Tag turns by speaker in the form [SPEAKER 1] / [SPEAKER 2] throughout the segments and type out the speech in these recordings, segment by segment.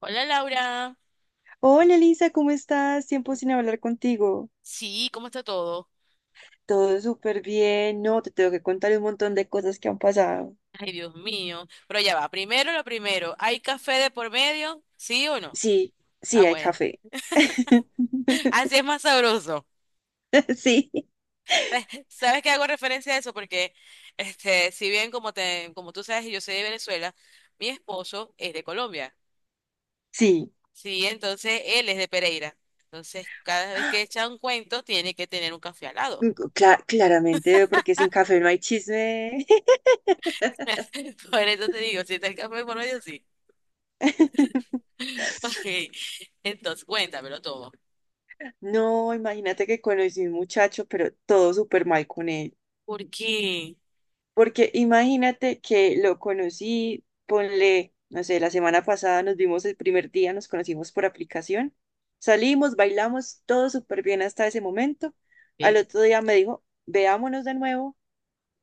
[SPEAKER 1] Hola Laura.
[SPEAKER 2] Hola Elisa, ¿cómo estás? Tiempo sin hablar contigo.
[SPEAKER 1] Sí, ¿cómo está todo?
[SPEAKER 2] Todo súper bien, no, te tengo que contar un montón de cosas que han pasado.
[SPEAKER 1] Ay, Dios mío. Pero ya va, primero lo primero. ¿Hay café de por medio? ¿Sí o no?
[SPEAKER 2] Sí,
[SPEAKER 1] Ah,
[SPEAKER 2] sí, hay
[SPEAKER 1] bueno.
[SPEAKER 2] café.
[SPEAKER 1] Así es más sabroso.
[SPEAKER 2] Sí,
[SPEAKER 1] ¿Sabes que hago referencia a eso? Porque, si bien como tú sabes, yo soy de Venezuela, mi esposo es de Colombia.
[SPEAKER 2] sí,
[SPEAKER 1] Sí, entonces él es de Pereira. Entonces, cada vez que echa un cuento, tiene que tener un café al lado.
[SPEAKER 2] claramente, porque sin café no hay chisme.
[SPEAKER 1] Por eso te digo, si está el café por medio, sí. Ok. Entonces, cuéntamelo todo.
[SPEAKER 2] No, imagínate que conocí a un muchacho, pero todo súper mal con él.
[SPEAKER 1] ¿Por qué?
[SPEAKER 2] Porque imagínate que lo conocí, ponle, no sé, la semana pasada nos vimos el primer día, nos conocimos por aplicación, salimos, bailamos, todo súper bien hasta ese momento. Al
[SPEAKER 1] Ok.
[SPEAKER 2] otro día me dijo, veámonos de nuevo,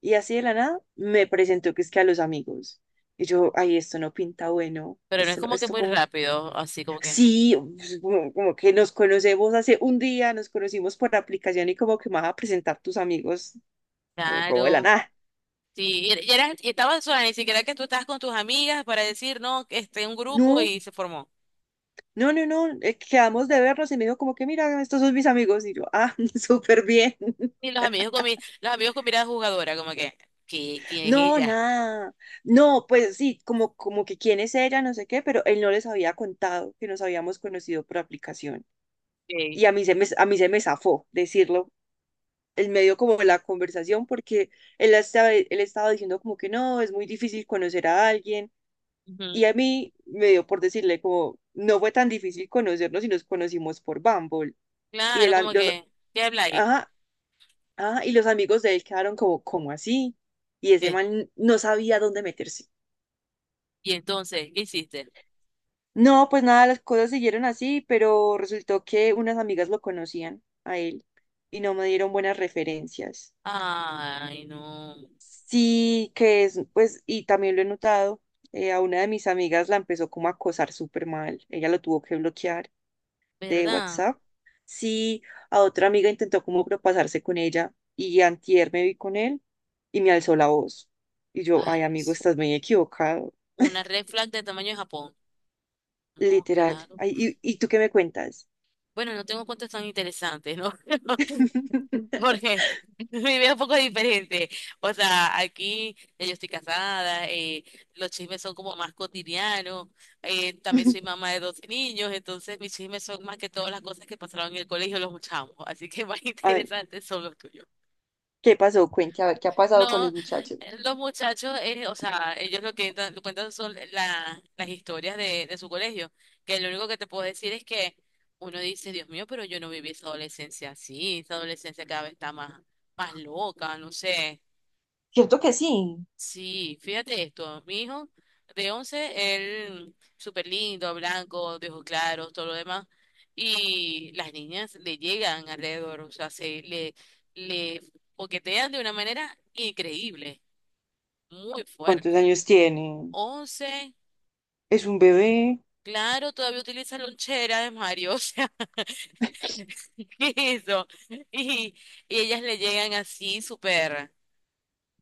[SPEAKER 2] y así de la nada me presentó que es que a los amigos. Y yo, ay, esto no pinta bueno,
[SPEAKER 1] Pero no es
[SPEAKER 2] esto no,
[SPEAKER 1] como que
[SPEAKER 2] esto
[SPEAKER 1] muy
[SPEAKER 2] como,
[SPEAKER 1] rápido, así como que.
[SPEAKER 2] sí, pues, como, como que nos conocemos hace un día, nos conocimos por aplicación y como que me vas a presentar tus amigos, como, como de la
[SPEAKER 1] Claro.
[SPEAKER 2] nada.
[SPEAKER 1] Sí, y y estaba sola, ni siquiera que tú estabas con tus amigas para decir, no, que este un grupo
[SPEAKER 2] No,
[SPEAKER 1] y se formó.
[SPEAKER 2] no, no, no, quedamos de vernos y me dijo como que mira, estos son mis amigos y yo, ah, súper bien.
[SPEAKER 1] Y los amigos con mirada jugadora, como que, ¿ quién es
[SPEAKER 2] No,
[SPEAKER 1] ella?
[SPEAKER 2] nada. No, pues sí, como, como que quién es ella, no sé qué, pero él no les había contado que nos habíamos conocido por aplicación.
[SPEAKER 1] Ok.
[SPEAKER 2] Y a mí se me zafó decirlo en medio como de la conversación porque él estaba diciendo como que no, es muy difícil conocer a alguien.
[SPEAKER 1] Ujú.
[SPEAKER 2] Y a mí me dio por decirle como, no fue tan difícil conocernos y nos conocimos por Bumble. Y el,
[SPEAKER 1] Claro,
[SPEAKER 2] am-
[SPEAKER 1] como
[SPEAKER 2] los,
[SPEAKER 1] que, ¿qué habláis?
[SPEAKER 2] Ajá. Ah, y los amigos de él quedaron como, como así. Y ese
[SPEAKER 1] ¿Qué?
[SPEAKER 2] man no sabía dónde meterse.
[SPEAKER 1] Y entonces, ¿qué hiciste?
[SPEAKER 2] No, pues nada, las cosas siguieron así, pero resultó que unas amigas lo conocían a él y no me dieron buenas referencias.
[SPEAKER 1] Ay, no,
[SPEAKER 2] Sí, que es, pues, y también lo he notado, a una de mis amigas la empezó como a acosar súper mal. Ella lo tuvo que bloquear de
[SPEAKER 1] ¿verdad?
[SPEAKER 2] WhatsApp, sí, a otra amiga intentó como propasarse con ella y antier me vi con él y me alzó la voz. Y yo, ay,
[SPEAKER 1] Ay,
[SPEAKER 2] amigo,
[SPEAKER 1] Dios.
[SPEAKER 2] estás muy equivocado,
[SPEAKER 1] Una red flag de tamaño de Japón. No,
[SPEAKER 2] literal.
[SPEAKER 1] claro.
[SPEAKER 2] Ay, y tú qué me cuentas?
[SPEAKER 1] Bueno, no tengo cuentos tan interesantes, ¿no? Porque mi vida es un poco diferente. O sea, aquí ya yo estoy casada, los chismes son como más cotidianos. También soy mamá de 12 niños, entonces mis chismes son más que todas las cosas que pasaron en el colegio, los chamos. Así que más
[SPEAKER 2] A ver,
[SPEAKER 1] interesantes son los tuyos.
[SPEAKER 2] ¿qué pasó? Cuente, a ver, ¿qué ha pasado con
[SPEAKER 1] No,
[SPEAKER 2] los muchachos?
[SPEAKER 1] los muchachos, o sea, ellos lo que lo cuentan son las historias de su colegio, que lo único que te puedo decir es que uno dice, Dios mío, pero yo no viví esa adolescencia así, esa adolescencia cada vez está más, más loca, no sé.
[SPEAKER 2] Cierto que sí.
[SPEAKER 1] Sí, fíjate esto, mi hijo de 11 él súper lindo, blanco, de ojos claros, todo lo demás, y las niñas le llegan alrededor, o sea, le coquetean de una manera increíble. Muy
[SPEAKER 2] ¿Cuántos
[SPEAKER 1] fuerte.
[SPEAKER 2] años tiene?
[SPEAKER 1] 11.
[SPEAKER 2] ¿Es un bebé?
[SPEAKER 1] Claro, todavía utiliza lonchera de Mario, o sea, ¿qué es eso? Y, y ellas le llegan así súper,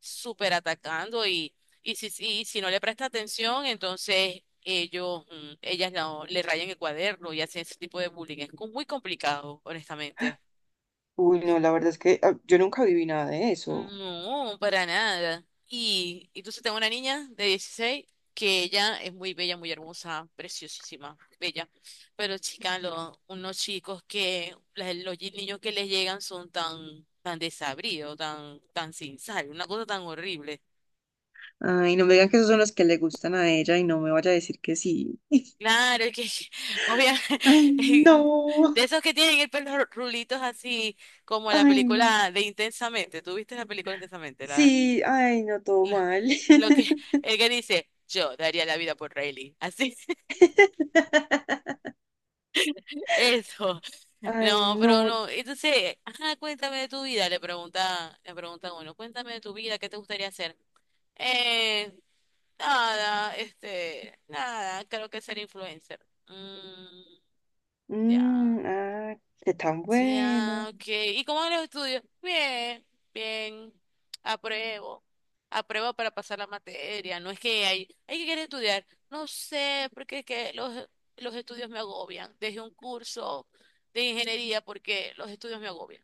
[SPEAKER 1] súper atacando y, si y si no le presta atención, entonces ellas no, le rayan el cuaderno y hacen ese tipo de bullying. Es muy complicado, honestamente.
[SPEAKER 2] Uy, no, la verdad es que yo nunca viví nada de eso.
[SPEAKER 1] No, para nada. Y entonces tengo una niña de 16 que ella es muy bella, muy hermosa, preciosísima, bella. Pero chica, unos chicos que los niños que les llegan son tan, tan desabridos, tan, tan sin sal, una cosa tan horrible.
[SPEAKER 2] Ay, no me digan que esos son los que le gustan a ella y no me vaya a decir que sí.
[SPEAKER 1] Claro, es que
[SPEAKER 2] Ay,
[SPEAKER 1] obviamente
[SPEAKER 2] no.
[SPEAKER 1] de esos que tienen el pelo rulitos así como la
[SPEAKER 2] Ay, no.
[SPEAKER 1] película de Intensamente. ¿Tú viste la película Intensamente?
[SPEAKER 2] Sí, ay, no, todo
[SPEAKER 1] Lo,
[SPEAKER 2] mal.
[SPEAKER 1] lo que el que dice, yo daría la vida por Riley. Así, eso.
[SPEAKER 2] Ay,
[SPEAKER 1] No, pero
[SPEAKER 2] no.
[SPEAKER 1] no. Entonces, ajá, cuéntame de tu vida, le pregunta a uno, cuéntame de tu vida, ¿qué te gustaría hacer? Eh, nada, nada, creo que ser influencer. Mm, ya.
[SPEAKER 2] Mm, ah, qué tan
[SPEAKER 1] Ya,
[SPEAKER 2] bueno.
[SPEAKER 1] ok. ¿Y cómo van los estudios? Bien, bien. Apruebo. Apruebo para pasar la materia. No es que hay que querer estudiar. No sé, porque es que los estudios me agobian. Dejé un curso de ingeniería porque los estudios me agobian.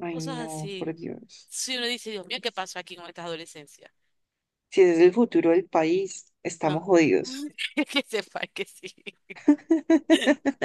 [SPEAKER 2] Ay,
[SPEAKER 1] Cosas
[SPEAKER 2] no,
[SPEAKER 1] así.
[SPEAKER 2] por Dios.
[SPEAKER 1] Si uno dice, Dios mío, ¿qué pasó aquí con estas adolescencias?
[SPEAKER 2] Si ese es el futuro del país,
[SPEAKER 1] No.
[SPEAKER 2] estamos jodidos.
[SPEAKER 1] Que sepa que sí.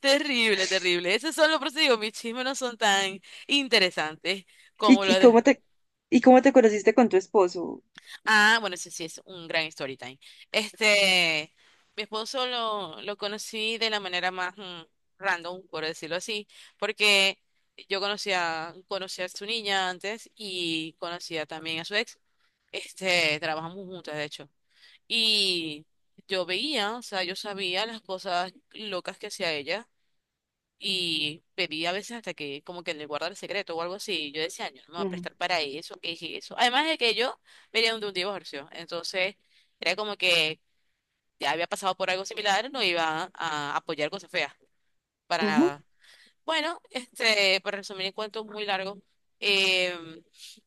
[SPEAKER 1] Terrible, terrible. Esos son los procedimientos. Mis chismes no son tan interesantes
[SPEAKER 2] ¿Y,
[SPEAKER 1] como los de.
[SPEAKER 2] y cómo te conociste con tu esposo?
[SPEAKER 1] Ah, bueno, ese sí es un gran story time. Este, mi esposo lo conocí de la manera más random, por decirlo así, porque yo conocía a su niña antes y conocía también a su ex. Trabajamos juntas, de hecho. Y yo veía, o sea, yo sabía las cosas locas que hacía ella y pedí a veces hasta que como que le guardara el secreto o algo así. Y yo decía, "Ay, yo no me voy a prestar para eso, que dije eso. Además de que yo venía de un divorcio. Entonces, era como que ya había pasado por algo similar, no iba a apoyar cosas feas. Para
[SPEAKER 2] Ujú, ujú.
[SPEAKER 1] nada. Bueno, para resumir el cuento muy largo, eh,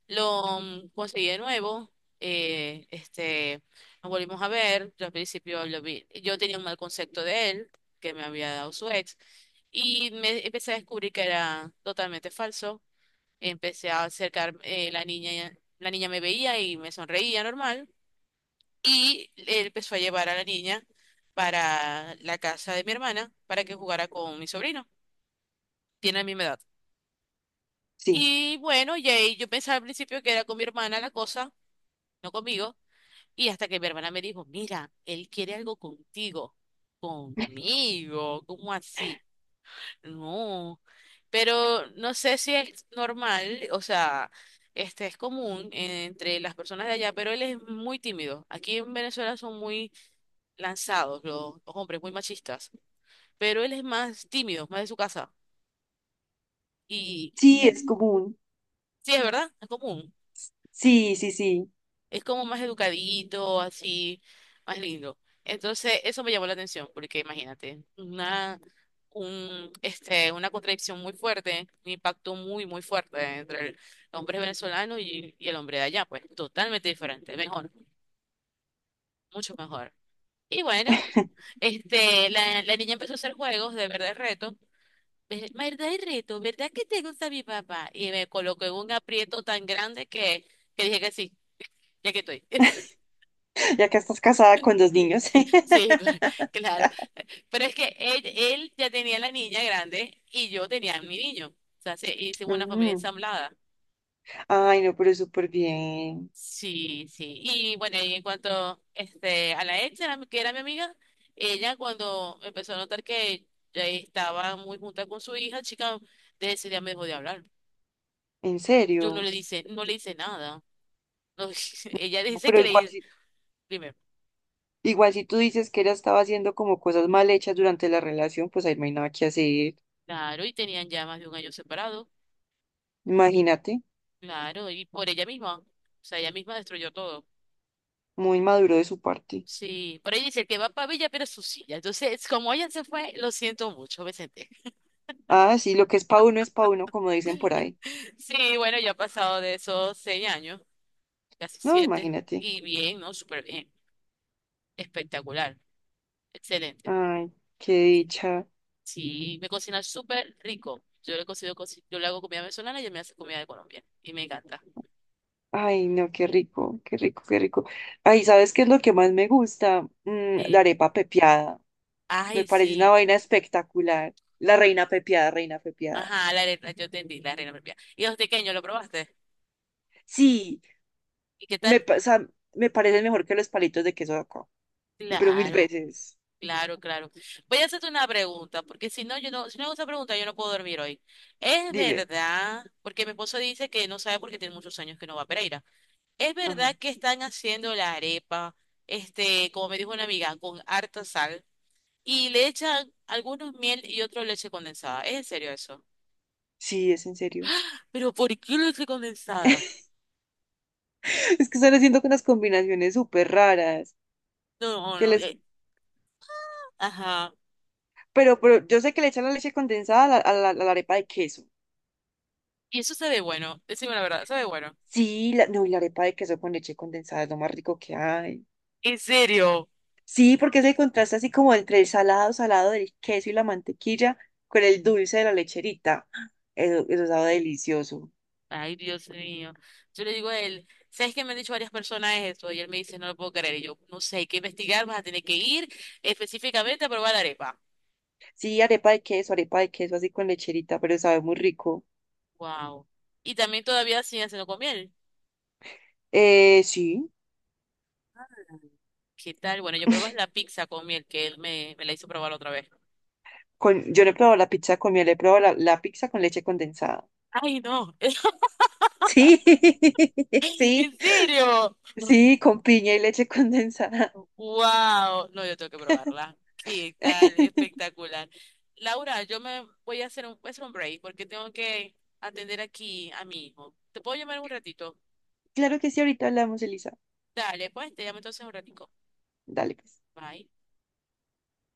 [SPEAKER 1] lo conseguí de nuevo, eh, este, nos volvimos a ver, yo al principio lo vi, yo tenía un mal concepto de él, que me había dado su ex, y me empecé a descubrir que era totalmente falso, empecé a acercar, la niña me veía y me sonreía normal, y él empezó a llevar a la niña para la casa de mi hermana para que jugara con mi sobrino, tiene la misma edad.
[SPEAKER 2] Sí,
[SPEAKER 1] Y bueno, y ahí yo pensaba al principio que era con mi hermana la cosa, no conmigo, y hasta que mi hermana me dijo, mira, él quiere algo contigo, conmigo, ¿cómo así? No, pero no sé si es normal, o sea, este es común entre las personas de allá, pero él es muy tímido. Aquí en Venezuela son muy lanzados los hombres, muy machistas, pero él es más tímido, más de su casa. Y
[SPEAKER 2] sí,
[SPEAKER 1] eh,
[SPEAKER 2] es común.
[SPEAKER 1] sí, es verdad, es común.
[SPEAKER 2] Sí, sí, sí.
[SPEAKER 1] Es como más educadito, así, más lindo. Entonces, eso me llamó la atención, porque imagínate, una contradicción muy fuerte, un impacto muy, muy fuerte entre el hombre venezolano y el hombre de allá, pues totalmente diferente, mejor, mucho mejor. Y bueno, la niña empezó a hacer juegos de verdad y reto. ¿Verdad y reto? ¿Verdad que te gusta mi papá? Y me colocó en un aprieto tan grande que dije que sí, ya que estoy.
[SPEAKER 2] Ya que estás casada con dos niños.
[SPEAKER 1] Sí, sí, claro. Pero es que él ya tenía la niña grande y yo tenía a mi niño. O sea, se hicimos una familia
[SPEAKER 2] Mm.
[SPEAKER 1] ensamblada.
[SPEAKER 2] Ay, no, pero súper bien.
[SPEAKER 1] Sí, sí. Y bueno, y en cuanto a la ex, era que era mi amiga, ella cuando empezó a notar que ya estaba muy junta con su hija, chica, desde ese día me dejó de hablar.
[SPEAKER 2] En
[SPEAKER 1] Yo no le
[SPEAKER 2] serio.
[SPEAKER 1] dice, no le hice nada. No, ella
[SPEAKER 2] No,
[SPEAKER 1] dice
[SPEAKER 2] pero
[SPEAKER 1] que le primero.
[SPEAKER 2] igual si tú dices que ella estaba haciendo como cosas mal hechas durante la relación, pues ahí no hay nada que hacer.
[SPEAKER 1] Claro, y tenían ya más de un año separados.
[SPEAKER 2] Imagínate.
[SPEAKER 1] Claro, y por ella misma. O sea, ella misma destruyó todo.
[SPEAKER 2] Muy maduro de su parte.
[SPEAKER 1] Sí, por ahí dice, el que va para Villa pero su silla. Entonces, como ella se fue, lo siento mucho, Vicente.
[SPEAKER 2] Ah, sí, lo que es pa' uno, como dicen por ahí.
[SPEAKER 1] Sí, bueno, ya ha pasado de esos 6 años, casi
[SPEAKER 2] No,
[SPEAKER 1] 7,
[SPEAKER 2] imagínate.
[SPEAKER 1] y bien, ¿no? Súper bien, espectacular, excelente.
[SPEAKER 2] Ay, qué dicha.
[SPEAKER 1] Sí, me cocina súper rico. Yo le cocino, yo le hago comida venezolana y ella me hace comida de Colombia, y me encanta.
[SPEAKER 2] Ay, no, qué rico, qué rico, qué rico. Ay, ¿sabes qué es lo que más me gusta? Mm, la
[SPEAKER 1] Eh,
[SPEAKER 2] arepa pepiada. Me
[SPEAKER 1] ay,
[SPEAKER 2] parece una
[SPEAKER 1] sí,
[SPEAKER 2] vaina espectacular. La reina pepiada, reina pepiada.
[SPEAKER 1] ajá, la arena, yo entendí, la arena propia. ¿Y los pequeños, lo probaste?
[SPEAKER 2] Sí,
[SPEAKER 1] ¿Y qué tal?
[SPEAKER 2] o sea, me parece mejor que los palitos de queso de acá, pero mil
[SPEAKER 1] Claro.
[SPEAKER 2] veces.
[SPEAKER 1] Claro, claro. Voy a hacerte una pregunta, porque si no, yo no, si no hago esa pregunta, yo no puedo dormir hoy. ¿Es
[SPEAKER 2] Dime.
[SPEAKER 1] verdad? Porque mi esposo dice que no sabe porque tiene muchos años que no va a Pereira. ¿Es
[SPEAKER 2] Ajá.
[SPEAKER 1] verdad que están haciendo la arepa, como me dijo una amiga, con harta sal y le echan algunos miel y otro leche condensada? ¿Es en serio eso?
[SPEAKER 2] Sí, es en serio.
[SPEAKER 1] ¿Pero por qué leche condensada?
[SPEAKER 2] Es que están haciendo unas combinaciones súper raras
[SPEAKER 1] No, no,
[SPEAKER 2] que
[SPEAKER 1] no.
[SPEAKER 2] les...
[SPEAKER 1] Ajá.
[SPEAKER 2] Pero yo sé que le echan la leche condensada a a la arepa de queso.
[SPEAKER 1] Y eso sabe bueno, decime la verdad, sabe bueno.
[SPEAKER 2] Sí, no, y la arepa de queso con leche condensada es lo más rico que hay.
[SPEAKER 1] ¿En serio?
[SPEAKER 2] Sí, porque es el contraste así como entre el salado, salado del queso y la mantequilla con el dulce de la lecherita. Eso sabe delicioso.
[SPEAKER 1] Ay, Dios mío. Yo le digo a él, ¿sabes qué me han dicho varias personas esto? Y él me dice, no lo puedo creer. Y yo, no sé, hay que investigar, vas a tener que ir específicamente a probar la arepa.
[SPEAKER 2] Sí, arepa de queso así con lecherita, pero sabe muy rico.
[SPEAKER 1] Wow. Y también todavía siguen haciendo con miel.
[SPEAKER 2] Sí,
[SPEAKER 1] ¿Qué tal? Bueno, yo probé la pizza con miel que él me la hizo probar otra vez.
[SPEAKER 2] con, yo no he probado la pizza con miel, he probado la pizza con leche condensada.
[SPEAKER 1] Ay, no.
[SPEAKER 2] Sí,
[SPEAKER 1] ¿En
[SPEAKER 2] sí.
[SPEAKER 1] serio?
[SPEAKER 2] Sí, con piña y leche condensada.
[SPEAKER 1] Wow. No, yo tengo que probarla. ¿Qué tal? Espectacular. Laura, yo me voy a hacer un break porque tengo que atender aquí a mi hijo. ¿Te puedo llamar en un ratito?
[SPEAKER 2] Claro que sí, ahorita hablamos, Elisa.
[SPEAKER 1] Dale, pues te llamo entonces un ratico.
[SPEAKER 2] Dale, pues.
[SPEAKER 1] Bye.